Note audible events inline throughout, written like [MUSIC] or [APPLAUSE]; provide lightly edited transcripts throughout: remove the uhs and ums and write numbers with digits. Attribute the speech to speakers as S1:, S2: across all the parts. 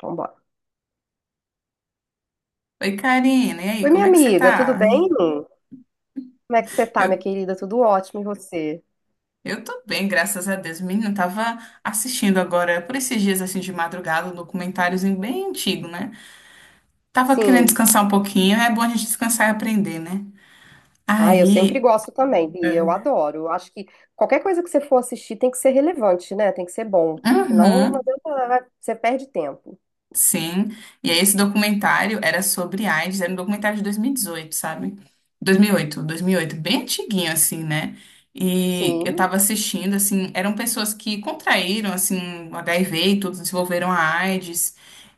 S1: Vambora.
S2: Oi, Karina, e aí,
S1: Oi,
S2: como
S1: minha
S2: é que você
S1: amiga, tudo
S2: tá?
S1: bem? Como é que você tá, minha
S2: Eu,
S1: querida? Tudo ótimo, e você?
S2: eu tô bem, graças a Deus. Menina, eu tava assistindo agora, por esses dias assim de madrugada, um documentáriozinho bem antigo, né? Tava querendo
S1: Sim.
S2: descansar um pouquinho, é bom a gente descansar e aprender, né?
S1: Ah, eu sempre
S2: Aí,
S1: gosto também, Bia, eu
S2: é.
S1: adoro. Eu acho que qualquer coisa que você for assistir tem que ser relevante, né? Tem que ser bom. Senão, não
S2: Uhum.
S1: adianta, você perde tempo.
S2: Sim, e aí esse documentário era sobre AIDS, era um documentário de 2018, sabe? Dois dois mil mil e oito dois mil e oito bem antiguinho assim, né? E eu
S1: Sim,
S2: tava assistindo, assim, eram pessoas que contraíram, assim, o HIV e tudo, desenvolveram a AIDS,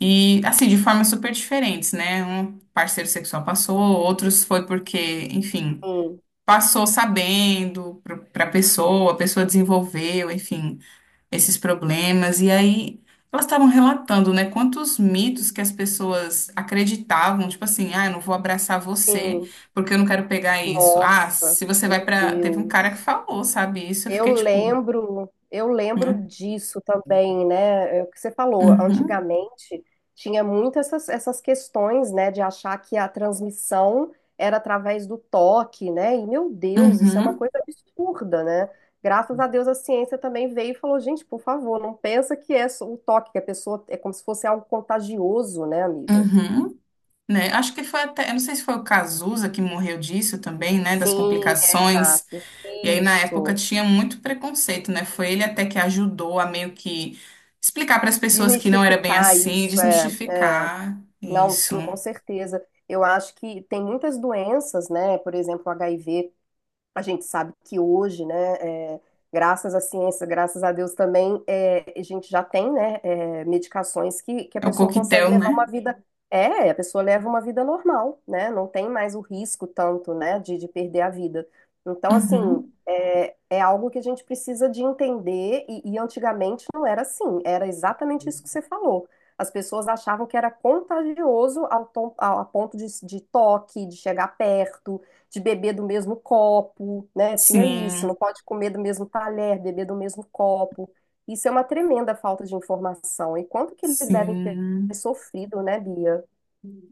S2: e, assim, de formas super diferentes, né? Um parceiro sexual passou, outros foi porque, enfim,
S1: sim,
S2: passou sabendo pra pessoa, a pessoa desenvolveu, enfim, esses problemas. E aí elas estavam relatando, né, quantos mitos que as pessoas acreditavam, tipo assim, ah, eu não vou abraçar você
S1: sim.
S2: porque eu não quero pegar isso. Ah,
S1: Nossa,
S2: se você vai
S1: meu
S2: pra. Teve um cara que
S1: Deus.
S2: falou, sabe, isso, eu
S1: Eu
S2: fiquei tipo,
S1: lembro, eu lembro
S2: né?
S1: disso também, né? É o que você falou,
S2: Uhum,
S1: antigamente tinha muito essas, essas questões, né, de achar que a transmissão era através do toque, né? E meu Deus, isso é uma
S2: uhum,
S1: coisa absurda, né? Graças a Deus a ciência também veio e falou, gente, por favor, não pensa que é só o toque, que a pessoa é como se fosse algo contagioso, né, amiga?
S2: uhum. Né? Acho que foi até, eu não sei se foi o Cazuza que morreu disso também, né? Das
S1: Sim, é
S2: complicações.
S1: exato.
S2: E aí, na época,
S1: Isso.
S2: tinha muito preconceito, né? Foi ele até que ajudou a meio que explicar para as pessoas que não era bem
S1: Desmistificar
S2: assim,
S1: isso, é. É.
S2: desmistificar
S1: Não,
S2: isso.
S1: sim, com certeza. Eu acho que tem muitas doenças, né? Por exemplo, o HIV. A gente sabe que hoje, né, é, graças à ciência, graças a Deus também, a gente já tem, né, medicações que a
S2: É o
S1: pessoa consegue
S2: coquetel,
S1: levar
S2: né?
S1: uma vida. É, a pessoa leva uma vida normal, né? Não tem mais o risco tanto, né, de perder a vida. Então, assim,
S2: Uhum.
S1: é algo que a gente precisa de entender, e antigamente não era assim, era exatamente isso que você falou. As pessoas achavam que era contagioso ao, a ponto de toque, de chegar perto de beber do mesmo copo, né? Tinha isso, não
S2: Sim,
S1: pode comer do mesmo talher, beber do mesmo copo. Isso é uma tremenda falta de informação. E quanto que eles devem ter
S2: sim.
S1: sofrido, né, Bia?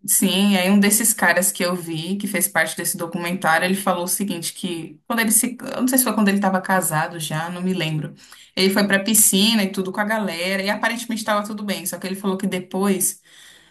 S2: Sim, e aí um desses caras que eu vi, que fez parte desse documentário, ele falou o seguinte, que quando ele se... Eu não sei se foi quando ele estava casado já, não me lembro. Ele foi pra piscina e tudo com a galera, e aparentemente estava tudo bem, só que ele falou que depois...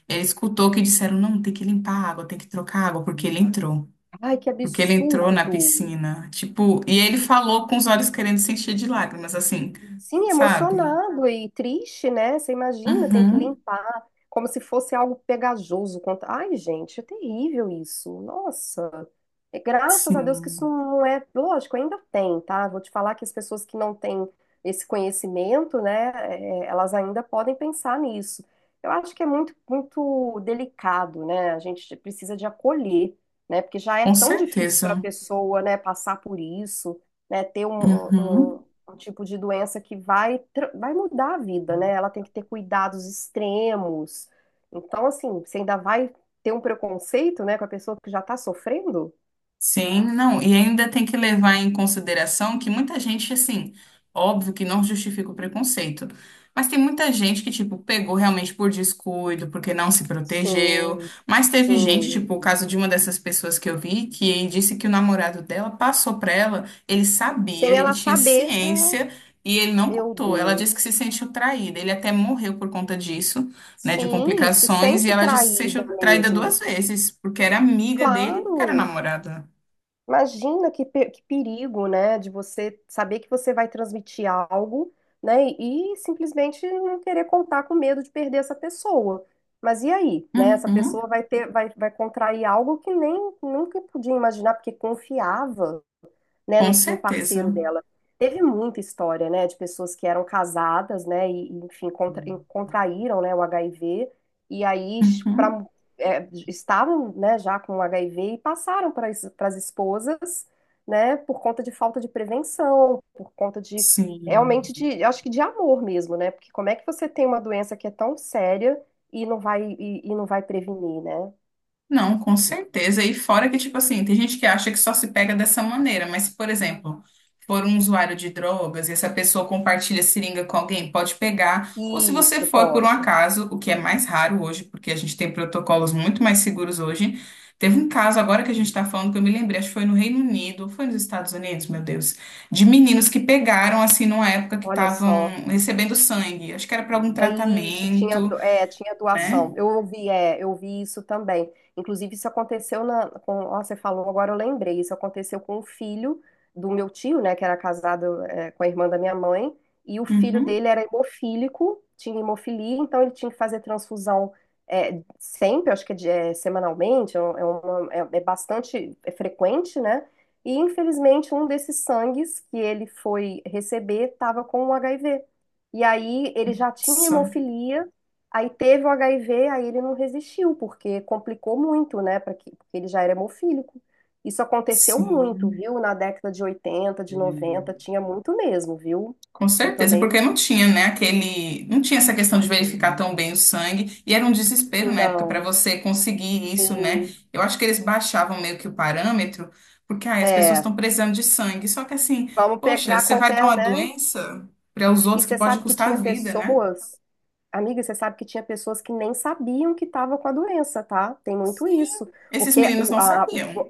S2: Ele escutou que disseram, não, tem que limpar a água, tem que trocar a água, porque ele entrou.
S1: Ai, que
S2: Porque ele entrou na
S1: absurdo!
S2: piscina. Tipo, e ele falou com os olhos querendo se encher de lágrimas, assim,
S1: Sim,
S2: sabe?
S1: emocionado e triste, né? Você imagina, tem que
S2: Uhum,
S1: limpar, como se fosse algo pegajoso. Ai, gente, é terrível isso. Nossa. E graças a Deus que isso
S2: sim,
S1: não é. Lógico, ainda tem, tá? Vou te falar que as pessoas que não têm esse conhecimento, né, é, elas ainda podem pensar nisso. Eu acho que é muito, muito delicado, né? A gente precisa de acolher, né? Porque já é
S2: com
S1: tão difícil para a
S2: certeza.
S1: pessoa, né, passar por isso, né, ter um, um-
S2: Uhum.
S1: um um tipo de doença que vai, vai mudar a vida, né? Ela tem que ter cuidados extremos. Então, assim, você ainda vai ter um preconceito, né, com a pessoa que já tá sofrendo?
S2: Sim, não, e ainda tem que levar em consideração que muita gente, assim, óbvio que não justifica o preconceito, mas tem muita gente que, tipo, pegou realmente por descuido, porque não se protegeu,
S1: Sim,
S2: mas teve gente,
S1: sim.
S2: tipo, o caso de uma dessas pessoas que eu vi, que disse que o namorado dela passou pra ela, ele sabia,
S1: Sem
S2: ele
S1: ela
S2: tinha
S1: saber. É,
S2: ciência e ele não
S1: meu
S2: contou. Ela disse que se
S1: Deus.
S2: sentiu traída, ele até morreu por conta disso, né, de
S1: Sim, e se
S2: complicações, e
S1: sente
S2: ela disse que se
S1: traída
S2: sentiu traída
S1: mesmo.
S2: duas vezes, porque era amiga dele e porque era
S1: Claro.
S2: namorada.
S1: Imagina que, que perigo, né, de você saber que você vai transmitir algo, né, e simplesmente não querer contar com medo de perder essa pessoa. Mas e aí, né? Essa
S2: Uhum,
S1: pessoa vai ter, vai, vai contrair algo que nem nunca podia imaginar, porque confiava, né, no,
S2: com
S1: no
S2: certeza.
S1: parceiro dela. Teve muita história, né, de pessoas que eram casadas, né, e, enfim, contra, e contraíram, né, o HIV, e aí
S2: Uhum,
S1: pra, é, estavam, né, já com o HIV e passaram para as esposas, né, por conta de falta de prevenção, por conta de,
S2: sim.
S1: realmente, de, eu acho que de amor mesmo, né, porque como é que você tem uma doença que é tão séria e não vai prevenir, né?
S2: Não, com certeza. E fora que, tipo assim, tem gente que acha que só se pega dessa maneira, mas se, por exemplo, for um usuário de drogas e essa pessoa compartilha seringa com alguém, pode pegar. Ou se você
S1: Isso,
S2: for por um
S1: pode.
S2: acaso, o que é mais raro hoje, porque a gente tem protocolos muito mais seguros hoje. Teve um caso agora que a gente está falando que eu me lembrei, acho que foi no Reino Unido, foi nos Estados Unidos, meu Deus, de meninos que pegaram, assim, numa época que
S1: Olha
S2: estavam
S1: só.
S2: recebendo sangue. Acho que era para algum
S1: É isso, tinha,
S2: tratamento,
S1: é, tinha
S2: né?
S1: doação. Eu ouvi, é, eu ouvi isso também. Inclusive, isso aconteceu na, com, ó, você falou, agora eu lembrei. Isso aconteceu com o filho do meu tio, né, que era casado, é, com a irmã da minha mãe, e o filho
S2: Uhum.
S1: dele era hemofílico, tinha hemofilia, então ele tinha que fazer transfusão, é, sempre, acho que é, é, semanalmente, é, é bastante frequente, né? E infelizmente, um desses sangues que ele foi receber estava com o HIV. E aí ele já tinha
S2: Isso.
S1: hemofilia, aí teve o HIV, aí ele não resistiu, porque complicou muito, né? Porque ele já era hemofílico. Isso aconteceu muito,
S2: Sim.
S1: viu? Na década de 80, de 90 tinha muito mesmo, viu?
S2: Com
S1: Eu
S2: certeza,
S1: também
S2: porque não tinha, né, aquele, não tinha essa questão de verificar tão bem o sangue, e era um desespero na época para
S1: não.
S2: você conseguir isso, né?
S1: Sim,
S2: Eu acho que eles baixavam meio que o parâmetro, porque ai, as pessoas
S1: é.
S2: estão precisando de sangue. Só que assim,
S1: Vamos
S2: poxa,
S1: pegar
S2: você vai dar
S1: qualquer,
S2: uma
S1: né?
S2: doença para os
S1: E
S2: outros que
S1: você
S2: pode
S1: sabe que
S2: custar
S1: tinha
S2: a vida, né?
S1: pessoas, amiga, você sabe que tinha pessoas que nem sabiam que estava com a doença, tá? Tem muito
S2: Sim,
S1: isso.
S2: esses
S1: Porque
S2: meninos
S1: o-
S2: não
S1: a
S2: sabiam.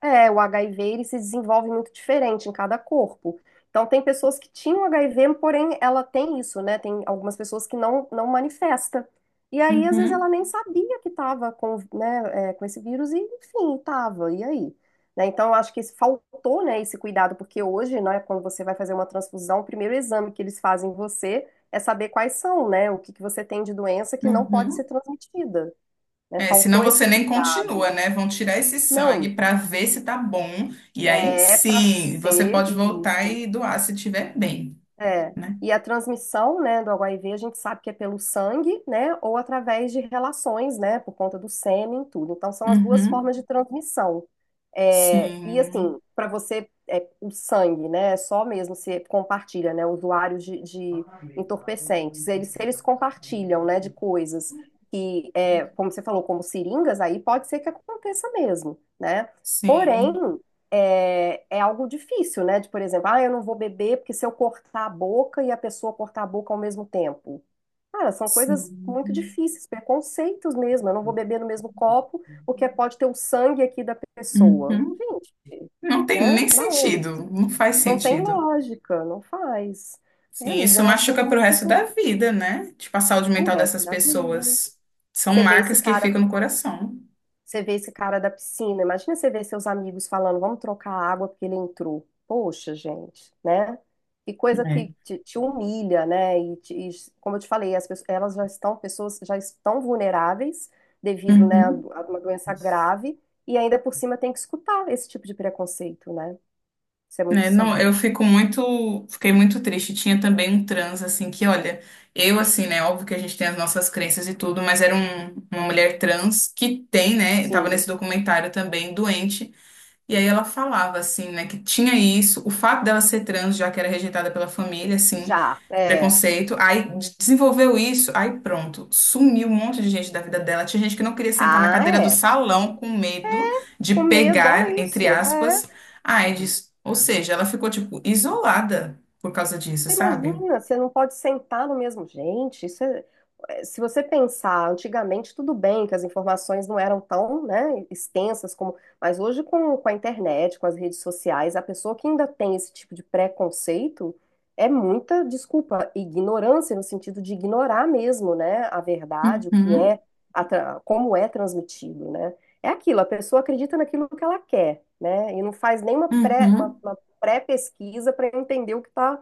S1: É, o HIV ele se desenvolve muito diferente em cada corpo. Então, tem pessoas que tinham HIV, porém ela tem isso, né? Tem algumas pessoas que não, não manifesta. E aí, às vezes, ela
S2: Uhum,
S1: nem sabia que estava com, né, é, com esse vírus e, enfim, estava. E aí? Né? Então, eu acho que faltou, né, esse cuidado, porque hoje, né, quando você vai fazer uma transfusão, o primeiro exame que eles fazem em você é saber quais são, né, o que que você tem de doença que não pode ser
S2: uhum.
S1: transmitida. Né?
S2: É, senão
S1: Faltou
S2: você
S1: esse
S2: nem continua,
S1: cuidado.
S2: né? Vão tirar esse sangue
S1: Não.
S2: para ver se tá bom. E aí
S1: É para
S2: sim, você
S1: ser
S2: pode voltar
S1: isso.
S2: e doar se tiver bem.
S1: É.
S2: Né?
S1: E a transmissão, né, do HIV, a gente sabe que é pelo sangue, né, ou através de relações, né, por conta do sêmen, tudo. Então, são as duas
S2: Uhum.
S1: formas de transmissão. É, e
S2: Sim,
S1: assim, para você, é, o sangue, né, é só mesmo se compartilha, né, usuários de entorpecentes, eles, se eles compartilham, né, de coisas que, é, como você falou, como seringas, aí pode ser que aconteça mesmo, né? Porém,
S2: sim,
S1: é, é algo difícil, né? De, por exemplo, ah, eu não vou beber porque se eu cortar a boca e a pessoa cortar a boca ao mesmo tempo. Cara, são coisas muito
S2: sim.
S1: difíceis, preconceitos mesmo. Eu não vou beber no mesmo copo porque pode ter o sangue aqui da pessoa.
S2: Uhum.
S1: Gente,
S2: Não tem
S1: né?
S2: nem
S1: Da onde?
S2: sentido, não faz
S1: Não tem
S2: sentido.
S1: lógica, não faz. É,
S2: Sim,
S1: amiga,
S2: isso
S1: é um assunto
S2: machuca
S1: muito
S2: pro resto da
S1: importante
S2: vida, né? Tipo, a saúde
S1: o
S2: mental
S1: resto
S2: dessas
S1: da vida.
S2: pessoas. São
S1: Você vê esse
S2: marcas que
S1: cara
S2: ficam no coração.
S1: Você vê esse cara da piscina, imagina você ver seus amigos falando, vamos trocar a água porque ele entrou. Poxa, gente, né? E coisa que
S2: É.
S1: te humilha, né? Como eu te falei, as pessoas, elas já estão, pessoas já estão vulneráveis devido, né, a
S2: Uhum.
S1: uma doença grave e ainda por cima tem que escutar esse tipo de preconceito, né? Isso é muito
S2: Né, não, eu
S1: sério.
S2: fico muito, fiquei muito triste. Tinha também um trans, assim, que, olha, eu, assim, né, óbvio que a gente tem as nossas crenças e tudo, mas era um- uma mulher trans que tem, né, tava
S1: Sim,
S2: nesse documentário também, doente. E aí ela falava, assim, né, que tinha isso, o fato dela ser trans, já que era rejeitada pela família, assim,
S1: já, é.
S2: preconceito, aí de- desenvolveu isso, aí pronto, sumiu um monte de gente da vida dela. Tinha gente que não queria sentar na
S1: Ah,
S2: cadeira do
S1: é.
S2: salão com medo de
S1: Com medo,
S2: pegar,
S1: olha
S2: entre
S1: isso. É.
S2: aspas, a AIDS. Ou seja, ela ficou, tipo, isolada por causa disso,
S1: Você
S2: sabe?
S1: imagina, você não pode sentar no mesmo. Gente, é, se você pensar, antigamente tudo bem que as informações não eram tão, né, extensas como. Mas hoje, com a internet, com as redes sociais, a pessoa que ainda tem esse tipo de preconceito é muita, desculpa, ignorância, no sentido de ignorar mesmo, né, a verdade, o que
S2: Uhum,
S1: é, a como é transmitido, né? É aquilo, a pessoa acredita naquilo que ela quer, né, e não faz nenhuma pré,
S2: uhum.
S1: uma pré-pesquisa para entender o que está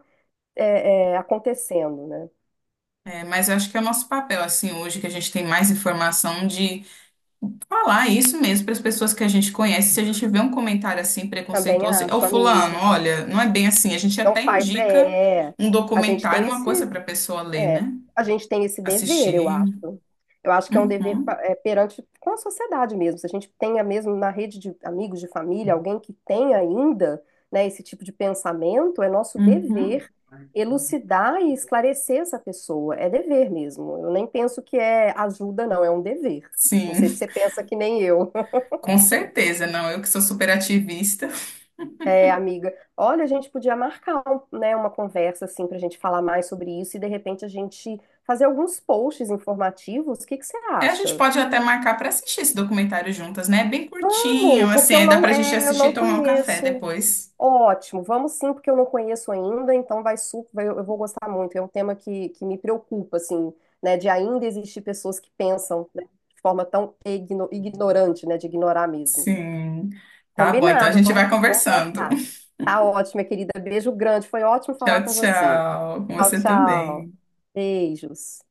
S1: é, é, acontecendo, né?
S2: É, mas eu acho que é o nosso papel, assim, hoje, que a gente tem mais informação de falar isso mesmo para as pessoas que a gente conhece, se a gente vê um comentário assim
S1: Também
S2: preconceituoso, é o
S1: acho,
S2: fulano,
S1: amiga.
S2: olha, não é bem assim. A gente
S1: Não
S2: até
S1: faz,
S2: indica
S1: é,
S2: um
S1: a gente
S2: documentário,
S1: tem
S2: uma coisa
S1: esse,
S2: para a pessoa ler,
S1: é,
S2: né?
S1: a gente tem esse dever,
S2: Assistir.
S1: eu acho. Eu acho que é um dever
S2: Uhum,
S1: é, perante com a sociedade mesmo. Se a gente tenha mesmo na rede de amigos, de família, alguém que tem ainda, né, esse tipo de pensamento, é nosso
S2: uhum.
S1: dever elucidar e esclarecer essa pessoa. É dever mesmo. Eu nem penso que é ajuda, não, é um dever. Não sei se
S2: Sim,
S1: você pensa que nem eu.
S2: com certeza. Não, eu que sou super ativista.
S1: É, amiga, olha, a gente podia marcar, né, uma conversa assim para a gente falar mais sobre isso e de repente a gente fazer alguns posts informativos. O que que você
S2: É, a gente
S1: acha?
S2: pode até marcar para assistir esse documentário juntas, né? É bem curtinho,
S1: Vamos,
S2: assim,
S1: porque eu
S2: aí dá
S1: não,
S2: para a gente
S1: é, eu
S2: assistir e
S1: não
S2: tomar um café
S1: conheço.
S2: depois.
S1: Ótimo, vamos sim, porque eu não conheço ainda, então vai super, eu, vou gostar muito. É um tema que me preocupa, assim, né, de ainda existir pessoas que pensam, né, de forma tão ignorante, né, de ignorar mesmo.
S2: Sim. Tá bom, então a
S1: Combinado,
S2: gente
S1: vamos,
S2: vai
S1: vamos
S2: conversando.
S1: marcar.
S2: [LAUGHS]
S1: Tá ótimo, minha querida. Beijo grande. Foi ótimo falar
S2: Tchau,
S1: com você.
S2: tchau. Com
S1: Tchau,
S2: você
S1: tchau.
S2: também.
S1: Beijos.